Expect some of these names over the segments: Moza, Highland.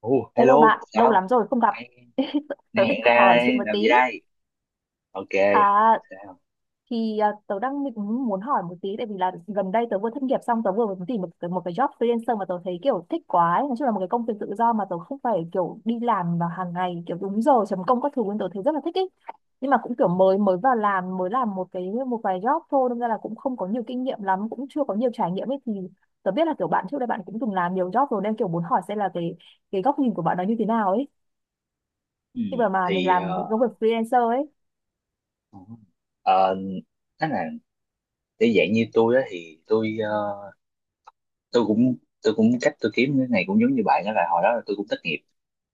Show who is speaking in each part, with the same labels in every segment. Speaker 1: Ồ,
Speaker 2: Hello
Speaker 1: hello,
Speaker 2: bạn, lâu
Speaker 1: sao?
Speaker 2: lắm rồi không gặp.
Speaker 1: Nay,
Speaker 2: Tớ
Speaker 1: nay
Speaker 2: định
Speaker 1: hẹn ra
Speaker 2: hỏi chuyện
Speaker 1: đây,
Speaker 2: một
Speaker 1: làm
Speaker 2: tí.
Speaker 1: gì đây? Ok,
Speaker 2: À
Speaker 1: sao?
Speaker 2: tớ đang định muốn hỏi một tí tại vì là gần đây tớ vừa thất nghiệp xong tớ vừa mới tìm một cái job freelancer mà tớ thấy kiểu thích quá ấy. Nói chung là một cái công việc tự do mà tớ không phải kiểu đi làm vào hàng ngày kiểu đúng giờ chấm công các thứ nên tớ thấy rất là thích ấy. Nhưng mà cũng kiểu mới mới vào làm mới làm một vài job thôi nên là cũng không có nhiều kinh nghiệm lắm, cũng chưa có nhiều trải nghiệm ấy thì tớ biết là kiểu bạn trước đây bạn cũng từng làm nhiều job rồi nên kiểu muốn hỏi xem là cái góc nhìn của bạn nó như thế nào ấy.
Speaker 1: Ừ,
Speaker 2: Khi mà mình
Speaker 1: thì
Speaker 2: làm công việc freelancer ấy.
Speaker 1: ờ, nói là để dạng như tôi á thì tôi tôi cũng tôi cũng cách tôi kiếm cái này cũng giống như bạn, đó là hồi đó là tôi cũng thất nghiệp.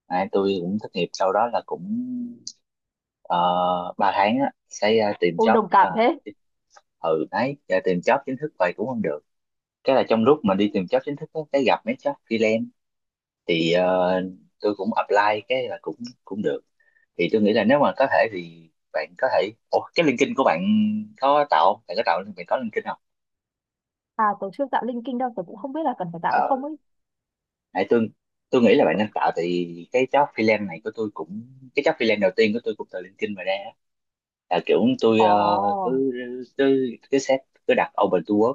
Speaker 1: À, tôi cũng thất nghiệp sau đó là cũng 3 tháng á, sẽ tìm
Speaker 2: Ôi
Speaker 1: job.
Speaker 2: đồng
Speaker 1: Ờ,
Speaker 2: cảm thế.
Speaker 1: ừ đấy, giờ tìm job chính thức vậy cũng không được. Cái là trong lúc mà đi tìm job chính thức á, cái gặp mấy job freelance thì tôi cũng apply, cái là cũng cũng được. Thì tôi nghĩ là nếu mà có thể thì bạn có thể Ủa, cái LinkedIn của bạn có tạo không? Bạn có tạo bạn có LinkedIn không?
Speaker 2: À tớ chưa tạo linking đâu tớ cũng không biết là cần phải tạo
Speaker 1: ờ
Speaker 2: hay không ấy.
Speaker 1: nãy Tôi nghĩ là bạn nên tạo, thì cái job freelance này của tôi cũng cái job freelance đầu tiên của tôi cũng từ LinkedIn mà ra á. Là kiểu tôi
Speaker 2: Ồ.
Speaker 1: cứ cứ cứ set cứ đặt open to work,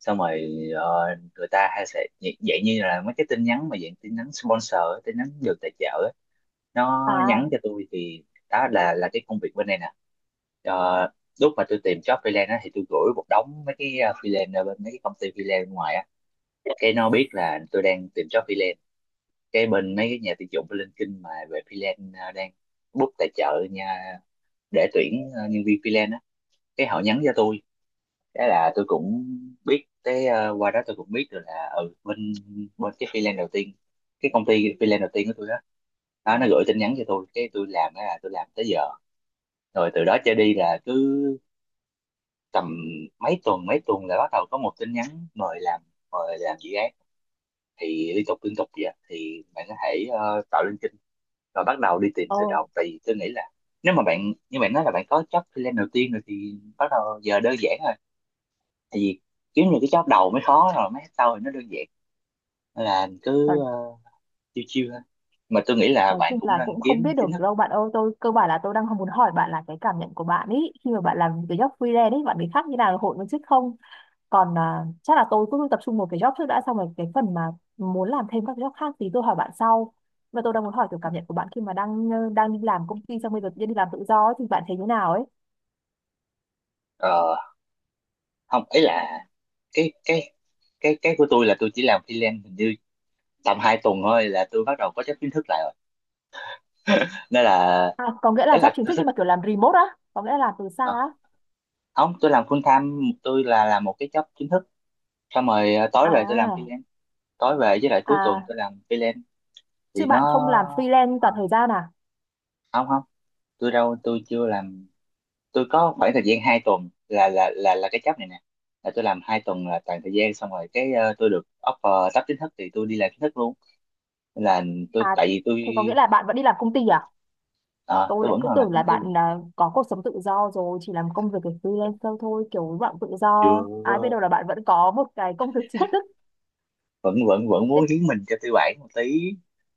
Speaker 1: xong rồi người ta hay sẽ dạng như là mấy cái tin nhắn, mà dạng tin nhắn sponsor, tin nhắn được tài trợ, nó
Speaker 2: À.
Speaker 1: nhắn cho tôi. Thì đó là cái công việc bên này nè. Ờ, lúc mà tôi tìm job freelance á, thì tôi gửi một đống mấy cái freelance ở bên mấy cái công ty freelance bên ngoài á, cái nó biết là tôi đang tìm job freelance. Cái bên mấy cái nhà tuyển dụng bên LinkedIn mà về freelance đang book tài trợ nha, để tuyển nhân viên freelance á, cái họ nhắn cho tôi. Cái là tôi cũng biết cái qua đó tôi cũng biết được là ừ, bên bên cái freelance đầu tiên, cái công ty freelance đầu tiên của tôi đó, đó nó gửi tin nhắn cho tôi, cái tôi làm đó là tôi làm tới giờ. Rồi từ đó trở đi là cứ tầm mấy tuần là bắt đầu có một tin nhắn mời làm, mời làm dự án, thì liên tục vậy. Thì bạn có thể tạo lên kênh và bắt đầu đi tìm
Speaker 2: Ồ.
Speaker 1: từ đầu, tại vì tôi nghĩ là nếu mà bạn như bạn nói là bạn có job freelance đầu tiên rồi thì bắt đầu giờ đơn giản rồi. Tại vì kiếm những cái job đầu mới khó, rồi mấy sau thì nó đơn giản. Nên là cứ
Speaker 2: nói,
Speaker 1: chill chiêu thôi, mà tôi nghĩ là
Speaker 2: nói
Speaker 1: bạn
Speaker 2: chung
Speaker 1: cũng
Speaker 2: là
Speaker 1: nên
Speaker 2: cũng không
Speaker 1: kiếm
Speaker 2: biết
Speaker 1: chính
Speaker 2: được
Speaker 1: thức.
Speaker 2: đâu bạn ơi, tôi cơ bản là tôi đang không muốn hỏi bạn là cái cảm nhận của bạn ấy khi mà bạn làm cái job freelance ấy bạn bị khác như nào hội viên chức không. Còn à, chắc là tôi cứ tập trung một cái job trước đã xong rồi cái phần mà muốn làm thêm các job khác thì tôi hỏi bạn sau. Và tôi đang muốn hỏi kiểu cảm nhận của bạn khi mà đang đang đi làm công ty xong bây giờ tự nhiên đi làm tự do ấy, thì bạn thấy như nào ấy.
Speaker 1: Ờ, không ấy là cái cái cái của tôi là tôi chỉ làm freelance hình như tầm hai tuần thôi, là tôi bắt đầu có job chính thức lại rồi, nên là
Speaker 2: À, có nghĩa là
Speaker 1: đấy
Speaker 2: job
Speaker 1: là
Speaker 2: chính
Speaker 1: tôi
Speaker 2: thức nhưng mà
Speaker 1: thích.
Speaker 2: kiểu làm remote á, có nghĩa là làm từ xa á.
Speaker 1: À, không tôi làm full time, tôi là làm một cái job chính thức xong rồi à, tối về tôi làm
Speaker 2: À,
Speaker 1: freelance, tối về với lại cuối tuần
Speaker 2: à,
Speaker 1: tôi làm freelance.
Speaker 2: Chứ
Speaker 1: Thì nó
Speaker 2: bạn không làm freelance
Speaker 1: à,
Speaker 2: toàn thời gian à?
Speaker 1: không không, tôi đâu tôi chưa làm. Tôi có khoảng thời gian hai tuần là cái job này nè, là tôi làm hai tuần là toàn thời gian, xong rồi cái tôi được offer sắp chính thức thì tôi đi làm chính thức luôn, nên là
Speaker 2: À,
Speaker 1: tại vì tôi
Speaker 2: thế có nghĩa là bạn vẫn đi làm công ty à?
Speaker 1: à,
Speaker 2: Tôi
Speaker 1: tôi
Speaker 2: lại
Speaker 1: vẫn
Speaker 2: cứ
Speaker 1: còn làm
Speaker 2: tưởng là
Speaker 1: công ty bình
Speaker 2: bạn
Speaker 1: thường.
Speaker 2: à, có cuộc sống tự do rồi, chỉ làm công việc của freelancer thôi, kiểu bạn tự do.
Speaker 1: Chưa,
Speaker 2: Ai biết đâu là bạn vẫn có một cái công việc chính thức.
Speaker 1: vẫn vẫn vẫn
Speaker 2: Thế,
Speaker 1: muốn hiến mình cho tư bản một tí.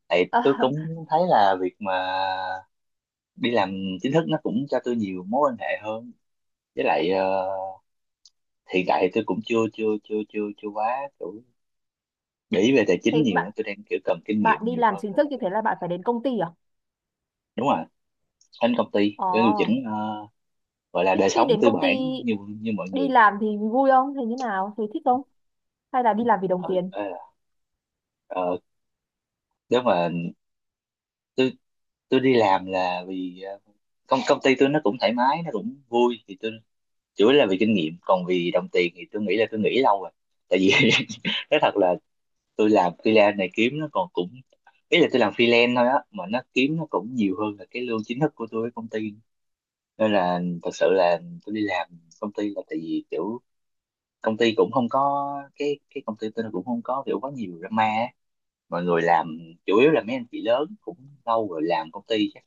Speaker 1: Thì
Speaker 2: ờ,
Speaker 1: tôi cũng thấy là việc mà đi làm chính thức nó cũng cho tôi nhiều mối quan hệ hơn, với lại hiện tại thì tôi cũng chưa chưa chưa chưa chưa quá kiểu để ý về tài
Speaker 2: thế
Speaker 1: chính nhiều á.
Speaker 2: bạn
Speaker 1: Tôi đang kiểu cần kinh
Speaker 2: bạn
Speaker 1: nghiệm
Speaker 2: đi
Speaker 1: nhiều
Speaker 2: làm
Speaker 1: hơn
Speaker 2: chính
Speaker 1: nên
Speaker 2: thức
Speaker 1: là
Speaker 2: như
Speaker 1: tôi-
Speaker 2: thế là bạn phải đến công ty à?
Speaker 1: đúng rồi, anh công ty để điều
Speaker 2: Ồ,
Speaker 1: chỉnh gọi là đời
Speaker 2: thế
Speaker 1: sống
Speaker 2: đến
Speaker 1: tư
Speaker 2: công ty
Speaker 1: bản, như như mọi
Speaker 2: đi
Speaker 1: người.
Speaker 2: làm thì vui không? Thế như nào? Thế thích không? Hay là đi làm vì đồng
Speaker 1: ừ,
Speaker 2: tiền?
Speaker 1: ờ, ờ, Nếu mà tôi tôi đi làm là vì công công ty tôi nó cũng thoải mái, nó cũng vui, thì tôi chủ yếu là vì kinh nghiệm, còn vì đồng tiền thì tôi nghĩ là tôi nghĩ lâu rồi. Tại vì nói thật là tôi làm freelance này kiếm nó còn cũng, ý là tôi làm freelance thôi á, mà nó kiếm nó cũng nhiều hơn là cái lương chính thức của tôi với công ty. Nên là thật sự là tôi đi làm công ty là tại vì kiểu công ty cũng không có cái công ty tôi nó cũng không có kiểu quá nhiều drama á. Mọi người làm chủ yếu là mấy anh chị lớn cũng lâu rồi, làm công ty chắc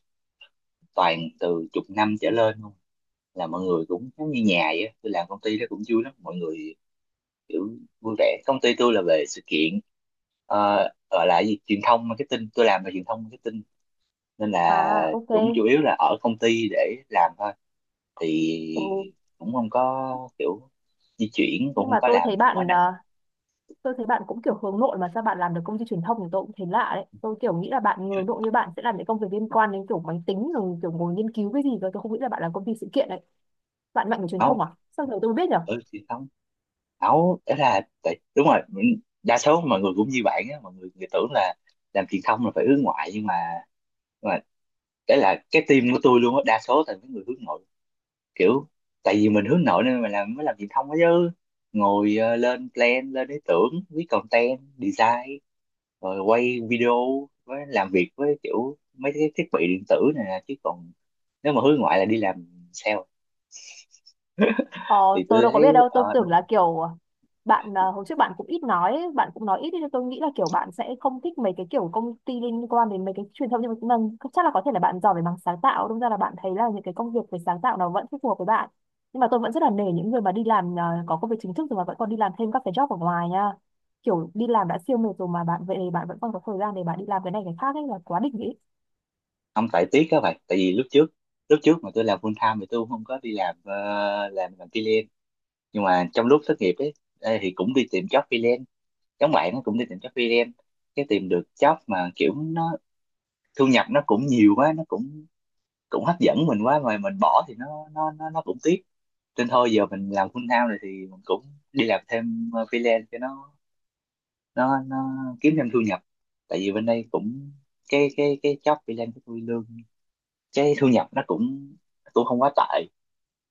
Speaker 1: toàn từ chục năm trở lên luôn, là mọi người cũng giống như nhà vậy á. Tôi làm công ty đó cũng vui lắm, mọi người kiểu vui vẻ. Công ty tôi là về sự kiện ờ, gọi là gì, truyền thông marketing, tôi làm về truyền thông marketing. Nên là
Speaker 2: À, ok.
Speaker 1: cũng chủ yếu là ở công ty để làm thôi,
Speaker 2: Ừ.
Speaker 1: thì cũng không có kiểu di chuyển, cũng
Speaker 2: Nhưng
Speaker 1: không
Speaker 2: mà
Speaker 1: có làm gì quá nặng nhọc.
Speaker 2: tôi thấy bạn cũng kiểu hướng nội mà sao bạn làm được công ty truyền thông thì tôi cũng thấy lạ đấy, tôi kiểu nghĩ là bạn hướng nội như bạn sẽ làm những công việc liên quan đến kiểu máy tính rồi kiểu ngồi nghiên cứu cái gì cơ, tôi không nghĩ là bạn làm công ty sự kiện đấy. Bạn mạnh về truyền thông
Speaker 1: Nấu
Speaker 2: à, sao giờ tôi mới biết nhỉ.
Speaker 1: ở truyền thông, nấu đó là đúng rồi, mình- đa số mọi người cũng như bạn á, mọi người, người tưởng là làm truyền thông là phải hướng ngoại, nhưng mà đấy là cái team của tôi luôn á, đa số là những người hướng nội. Kiểu tại vì mình hướng nội nên mình làm mới làm truyền thông đó chứ, ngồi lên plan lên ý tưởng, viết content, design rồi quay video, với làm việc với kiểu mấy cái thiết bị điện tử này nè. Chứ còn nếu mà hướng ngoại là đi làm sale,
Speaker 2: Ờ,
Speaker 1: thì
Speaker 2: tôi
Speaker 1: tôi
Speaker 2: đâu có
Speaker 1: thấy
Speaker 2: biết đâu, tôi tưởng
Speaker 1: đúng.
Speaker 2: là kiểu bạn à, hồi trước bạn cũng ít nói, ấy, bạn cũng nói ít ấy, nên tôi nghĩ là kiểu bạn sẽ không thích mấy cái kiểu công ty liên quan đến mấy cái truyền thông, nhưng mà cũng là, chắc là có thể là bạn giỏi về mảng sáng tạo, đâm ra là bạn thấy là những cái công việc về sáng tạo nó vẫn phù hợp với bạn. Nhưng mà tôi vẫn rất là nể những người mà đi làm à, có công việc chính thức rồi mà vẫn còn đi làm thêm các cái job ở ngoài nha. Kiểu đi làm đã siêu mệt rồi mà bạn vậy thì bạn vẫn còn có thời gian để bạn đi làm cái này cái khác ấy là quá đỉnh ấy.
Speaker 1: Không phải tiếc các bạn, tại vì lúc trước mà tôi làm full time thì tôi không có đi làm làm freelance. Nhưng mà trong lúc thất nghiệp ấy, ê, thì cũng đi tìm job freelance, giống bạn, nó cũng đi tìm job freelance. Cái tìm được job mà kiểu nó thu nhập nó cũng nhiều quá, nó cũng cũng hấp dẫn mình quá, mà mình bỏ thì nó nó cũng tiếc. Nên thôi giờ mình làm full time rồi thì mình cũng đi làm thêm freelance cho nó nó kiếm thêm thu nhập. Tại vì bên đây cũng cái job freelance của tôi lương, cái thu nhập nó cũng cũng không quá tệ,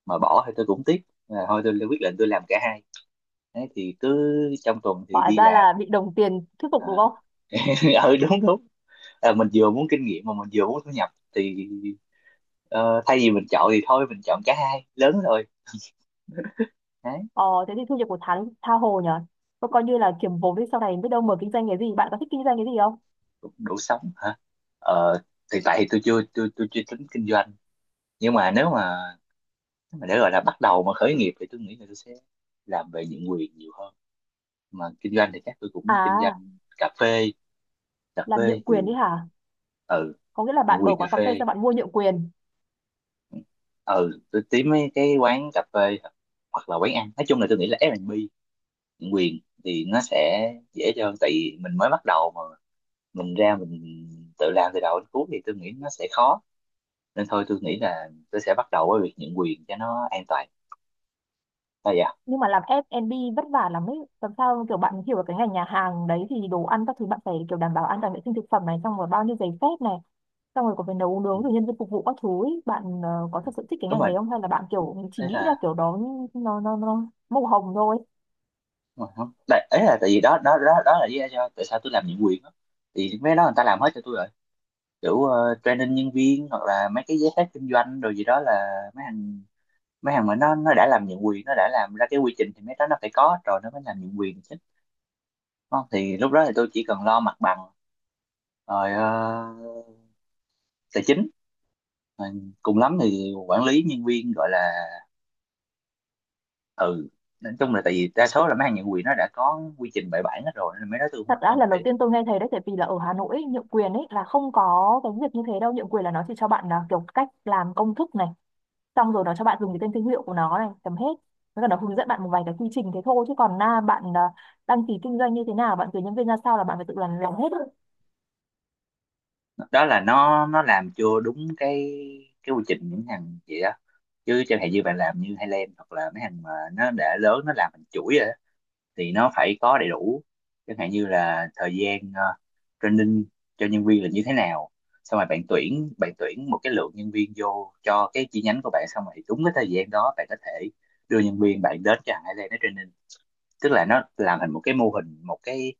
Speaker 1: mà bỏ thì tôi cũng tiếc. Là thôi tôi quyết định tôi làm cả hai. Đấy, thì cứ trong tuần thì
Speaker 2: Hóa
Speaker 1: đi
Speaker 2: ra
Speaker 1: làm
Speaker 2: là bị đồng tiền thuyết phục
Speaker 1: à.
Speaker 2: đúng không?
Speaker 1: Ừ đúng đúng. À, mình vừa muốn kinh nghiệm mà mình vừa muốn thu nhập thì ờ, thay vì mình chọn thì thôi mình chọn cả hai lớn rồi. Đấy,
Speaker 2: Ờ, thế thì thu nhập của tháng tha hồ nhở. Có coi như là kiếm vốn đi sau này biết đâu mở kinh doanh cái gì. Bạn có thích kinh doanh cái gì không?
Speaker 1: cũng đủ sống hả. Ờ, thì tại thì tôi chưa tôi tôi chưa tính kinh doanh. Nhưng mà nếu mà để gọi là bắt đầu mà khởi nghiệp thì tôi nghĩ là tôi sẽ làm về nhượng quyền nhiều hơn, mà kinh doanh thì chắc tôi cũng kinh
Speaker 2: À,
Speaker 1: doanh cà phê. Cà
Speaker 2: làm
Speaker 1: phê
Speaker 2: nhượng quyền
Speaker 1: thì
Speaker 2: đi hả?
Speaker 1: ừ,
Speaker 2: Có nghĩa là
Speaker 1: nhượng
Speaker 2: bạn mở
Speaker 1: quyền cà
Speaker 2: quán cà phê
Speaker 1: phê.
Speaker 2: xong bạn mua nhượng quyền.
Speaker 1: Ừ, tôi tìm mấy cái quán cà phê hoặc là quán ăn, nói chung là tôi nghĩ là F&B quyền thì nó sẽ dễ hơn, tại vì mình mới bắt đầu mà, mình ra mình tự làm từ đầu đến cuối thì tôi nghĩ nó sẽ khó. Nên thôi tôi nghĩ là tôi sẽ bắt đầu với việc nhận quyền cho nó an toàn, là dạ.
Speaker 2: Nhưng mà làm F&B vất vả lắm ấy. Làm sao kiểu bạn hiểu được cái ngành nhà hàng đấy thì đồ ăn các thứ bạn phải kiểu đảm bảo an toàn vệ sinh thực phẩm này. Xong rồi bao nhiêu giấy phép này. Xong rồi còn phải nấu
Speaker 1: Ừ.
Speaker 2: nướng rồi nhân viên phục vụ các thứ ấy. Bạn ờ, có thật sự thích cái
Speaker 1: Đúng
Speaker 2: ngành
Speaker 1: rồi.
Speaker 2: đấy không? Hay là bạn kiểu chỉ
Speaker 1: Đấy
Speaker 2: nghĩ là
Speaker 1: là
Speaker 2: kiểu đó nó màu hồng thôi?
Speaker 1: đúng rồi, không tại ấy là tại vì đó đó đó đó là lý do tại sao tôi làm nhận quyền đó. Thì mấy cái đó người ta làm hết cho tôi rồi, kiểu training nhân viên hoặc là mấy cái giấy phép kinh doanh rồi gì đó. Là mấy thằng mấy thằng mà nó đã làm nhận quyền, nó đã làm ra cái quy trình, thì mấy đó nó phải có rồi nó mới làm nhận quyền. Không, thì lúc đó thì tôi chỉ cần lo mặt bằng rồi tài chính, rồi cùng lắm thì quản lý nhân viên gọi là. Ừ, nói chung là tại vì đa số là mấy hàng nhượng quyền nó đã có quy trình bài bản hết rồi nên mấy đó tôi
Speaker 2: Thật
Speaker 1: không
Speaker 2: ra
Speaker 1: còn
Speaker 2: lần đầu
Speaker 1: phải.
Speaker 2: tiên tôi nghe thấy đấy, tại vì là ở Hà Nội ấy, nhượng quyền ấy là không có cái việc như thế đâu, nhượng quyền là nó chỉ cho bạn là kiểu cách làm công thức này xong rồi nó cho bạn dùng cái tên thương hiệu của nó này tầm hết, với cả nó hướng dẫn bạn một vài cái quy trình thế thôi, chứ còn na bạn à, đăng ký kinh doanh như thế nào bạn tuyển nhân viên ra sao là bạn phải tự làm hết.
Speaker 1: Đó là nó làm chưa đúng cái quy trình những hàng vậy đó. Chứ chẳng hạn như bạn làm như Highland hoặc là mấy hàng mà nó đã lớn, nó làm thành chuỗi, thì nó phải có đầy đủ. Chẳng hạn như là thời gian training cho nhân viên là như thế nào, xong rồi bạn tuyển một cái lượng nhân viên vô cho cái chi nhánh của bạn, xong rồi đúng cái thời gian đó bạn có thể đưa nhân viên bạn đến cho Ireland nó training. Tức là nó làm thành một cái mô hình, một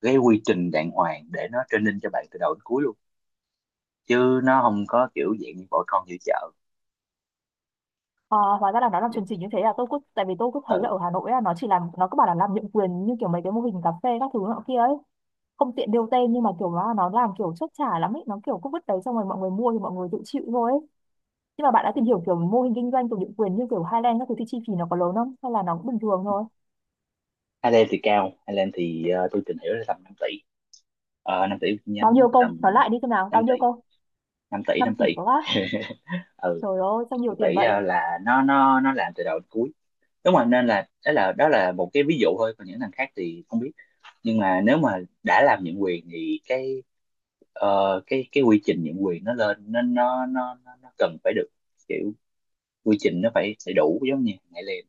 Speaker 1: cái quy trình đàng hoàng để nó training cho bạn từ đầu đến cuối luôn, chứ nó không có kiểu dạng như bỏ con giữa chợ.
Speaker 2: À, hóa ra là nó làm chuẩn chỉnh như thế, là tôi cứ tại vì tôi cứ thấy là
Speaker 1: Ừ,
Speaker 2: ở Hà Nội ấy, nó chỉ làm nó cứ bảo là làm nhượng quyền như kiểu mấy cái mô hình cà phê các thứ nọ kia ấy, không tiện nêu tên nhưng mà kiểu nó làm kiểu chốt trả lắm ấy, nó kiểu cứ vứt đấy xong rồi mọi người mua thì mọi người tự chịu thôi ấy. Nhưng mà bạn đã tìm hiểu kiểu mô hình kinh doanh thuộc địa quyền như kiểu Highland các thứ thì chi phí nó có lớn không? Hay là nó cũng bình thường thôi?
Speaker 1: Ireland thì cao, Ireland thì tôi tìm hiểu là tầm 5 tỷ, 5 tỷ một chi
Speaker 2: Bao
Speaker 1: nhánh,
Speaker 2: nhiêu công? Nói
Speaker 1: tầm
Speaker 2: lại đi xem nào, bao
Speaker 1: 5
Speaker 2: nhiêu
Speaker 1: tỷ
Speaker 2: công?
Speaker 1: 5 tỷ
Speaker 2: năm
Speaker 1: Năm
Speaker 2: tỷ
Speaker 1: tỷ.
Speaker 2: có quá.
Speaker 1: Ừ,
Speaker 2: Trời ơi, sao nhiều
Speaker 1: 5
Speaker 2: tiền
Speaker 1: tỷ
Speaker 2: vậy?
Speaker 1: là nó làm từ đầu đến cuối. Đúng rồi, nên là đó là đó là một cái ví dụ thôi, còn những thằng khác thì không biết. Nhưng mà nếu mà đã làm nhượng quyền thì cái cái quy trình nhượng quyền nó lên nên nó cần phải được kiểu, quy trình nó phải phải đủ giống như ngày liền.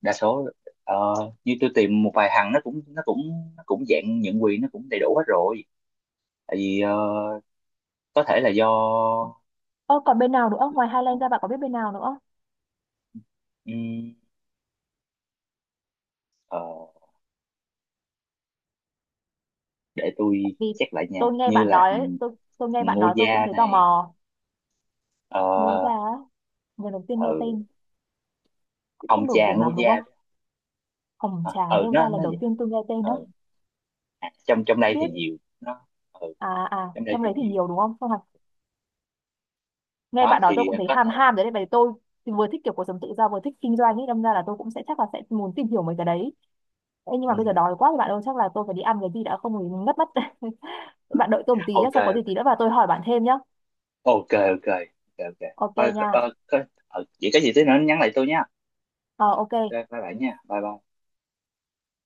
Speaker 1: Đa số ờ, như tôi tìm một vài thằng nó cũng dạng nhượng quyền, nó cũng đầy đủ hết rồi. Tại vì có thể là do
Speaker 2: Ơ còn bên nào nữa? Ngoài
Speaker 1: ờ,
Speaker 2: Highland ra bạn có biết bên nào nữa?
Speaker 1: ừm, ờ, để tôi
Speaker 2: Vì
Speaker 1: check lại nha, như là
Speaker 2: tôi nghe bạn
Speaker 1: Ngô
Speaker 2: nói tôi cũng
Speaker 1: Gia
Speaker 2: thấy tò
Speaker 1: này.
Speaker 2: mò.
Speaker 1: ờ
Speaker 2: Moza, á, lần đầu tiên nghe
Speaker 1: ừ,
Speaker 2: tên, cũng không
Speaker 1: ông
Speaker 2: nổi
Speaker 1: cha
Speaker 2: tiền
Speaker 1: Ngô
Speaker 2: lắm đúng
Speaker 1: Gia
Speaker 2: không?
Speaker 1: đó.
Speaker 2: Hồng
Speaker 1: Ờ,
Speaker 2: trà
Speaker 1: ừ
Speaker 2: Moza
Speaker 1: nó
Speaker 2: lần đầu
Speaker 1: vậy.
Speaker 2: tiên tôi nghe tên đó.
Speaker 1: Ừ. À, trong trong đây thì
Speaker 2: Biết
Speaker 1: nhiều nó. Ừ,
Speaker 2: à à,
Speaker 1: trong đây
Speaker 2: trong đấy
Speaker 1: thì
Speaker 2: thì
Speaker 1: nhiều.
Speaker 2: nhiều đúng không? Xong nghe
Speaker 1: Đó
Speaker 2: bạn đó tôi
Speaker 1: thì
Speaker 2: cũng thấy
Speaker 1: có
Speaker 2: ham
Speaker 1: thể.
Speaker 2: ham đấy, vậy tôi thì vừa thích kiểu cuộc sống tự do vừa thích kinh doanh ấy, đâm ra là tôi cũng sẽ chắc là sẽ muốn tìm hiểu mấy cái đấy. Ê, nhưng mà
Speaker 1: Ừ,
Speaker 2: bây giờ đói quá thì bạn ơi chắc là tôi phải đi ăn cái gì đã không thì ngất mất. Bạn đợi tôi một tí nhé,
Speaker 1: ok.
Speaker 2: sau có gì tí nữa và tôi hỏi bạn thêm nhé.
Speaker 1: Ok ok. Ok ok.
Speaker 2: Ok
Speaker 1: Ờ,
Speaker 2: nha.
Speaker 1: vậy có gì tí nữa nhắn lại tôi nha.
Speaker 2: Ờ ok.
Speaker 1: Ok, bye bye nha, bye bye.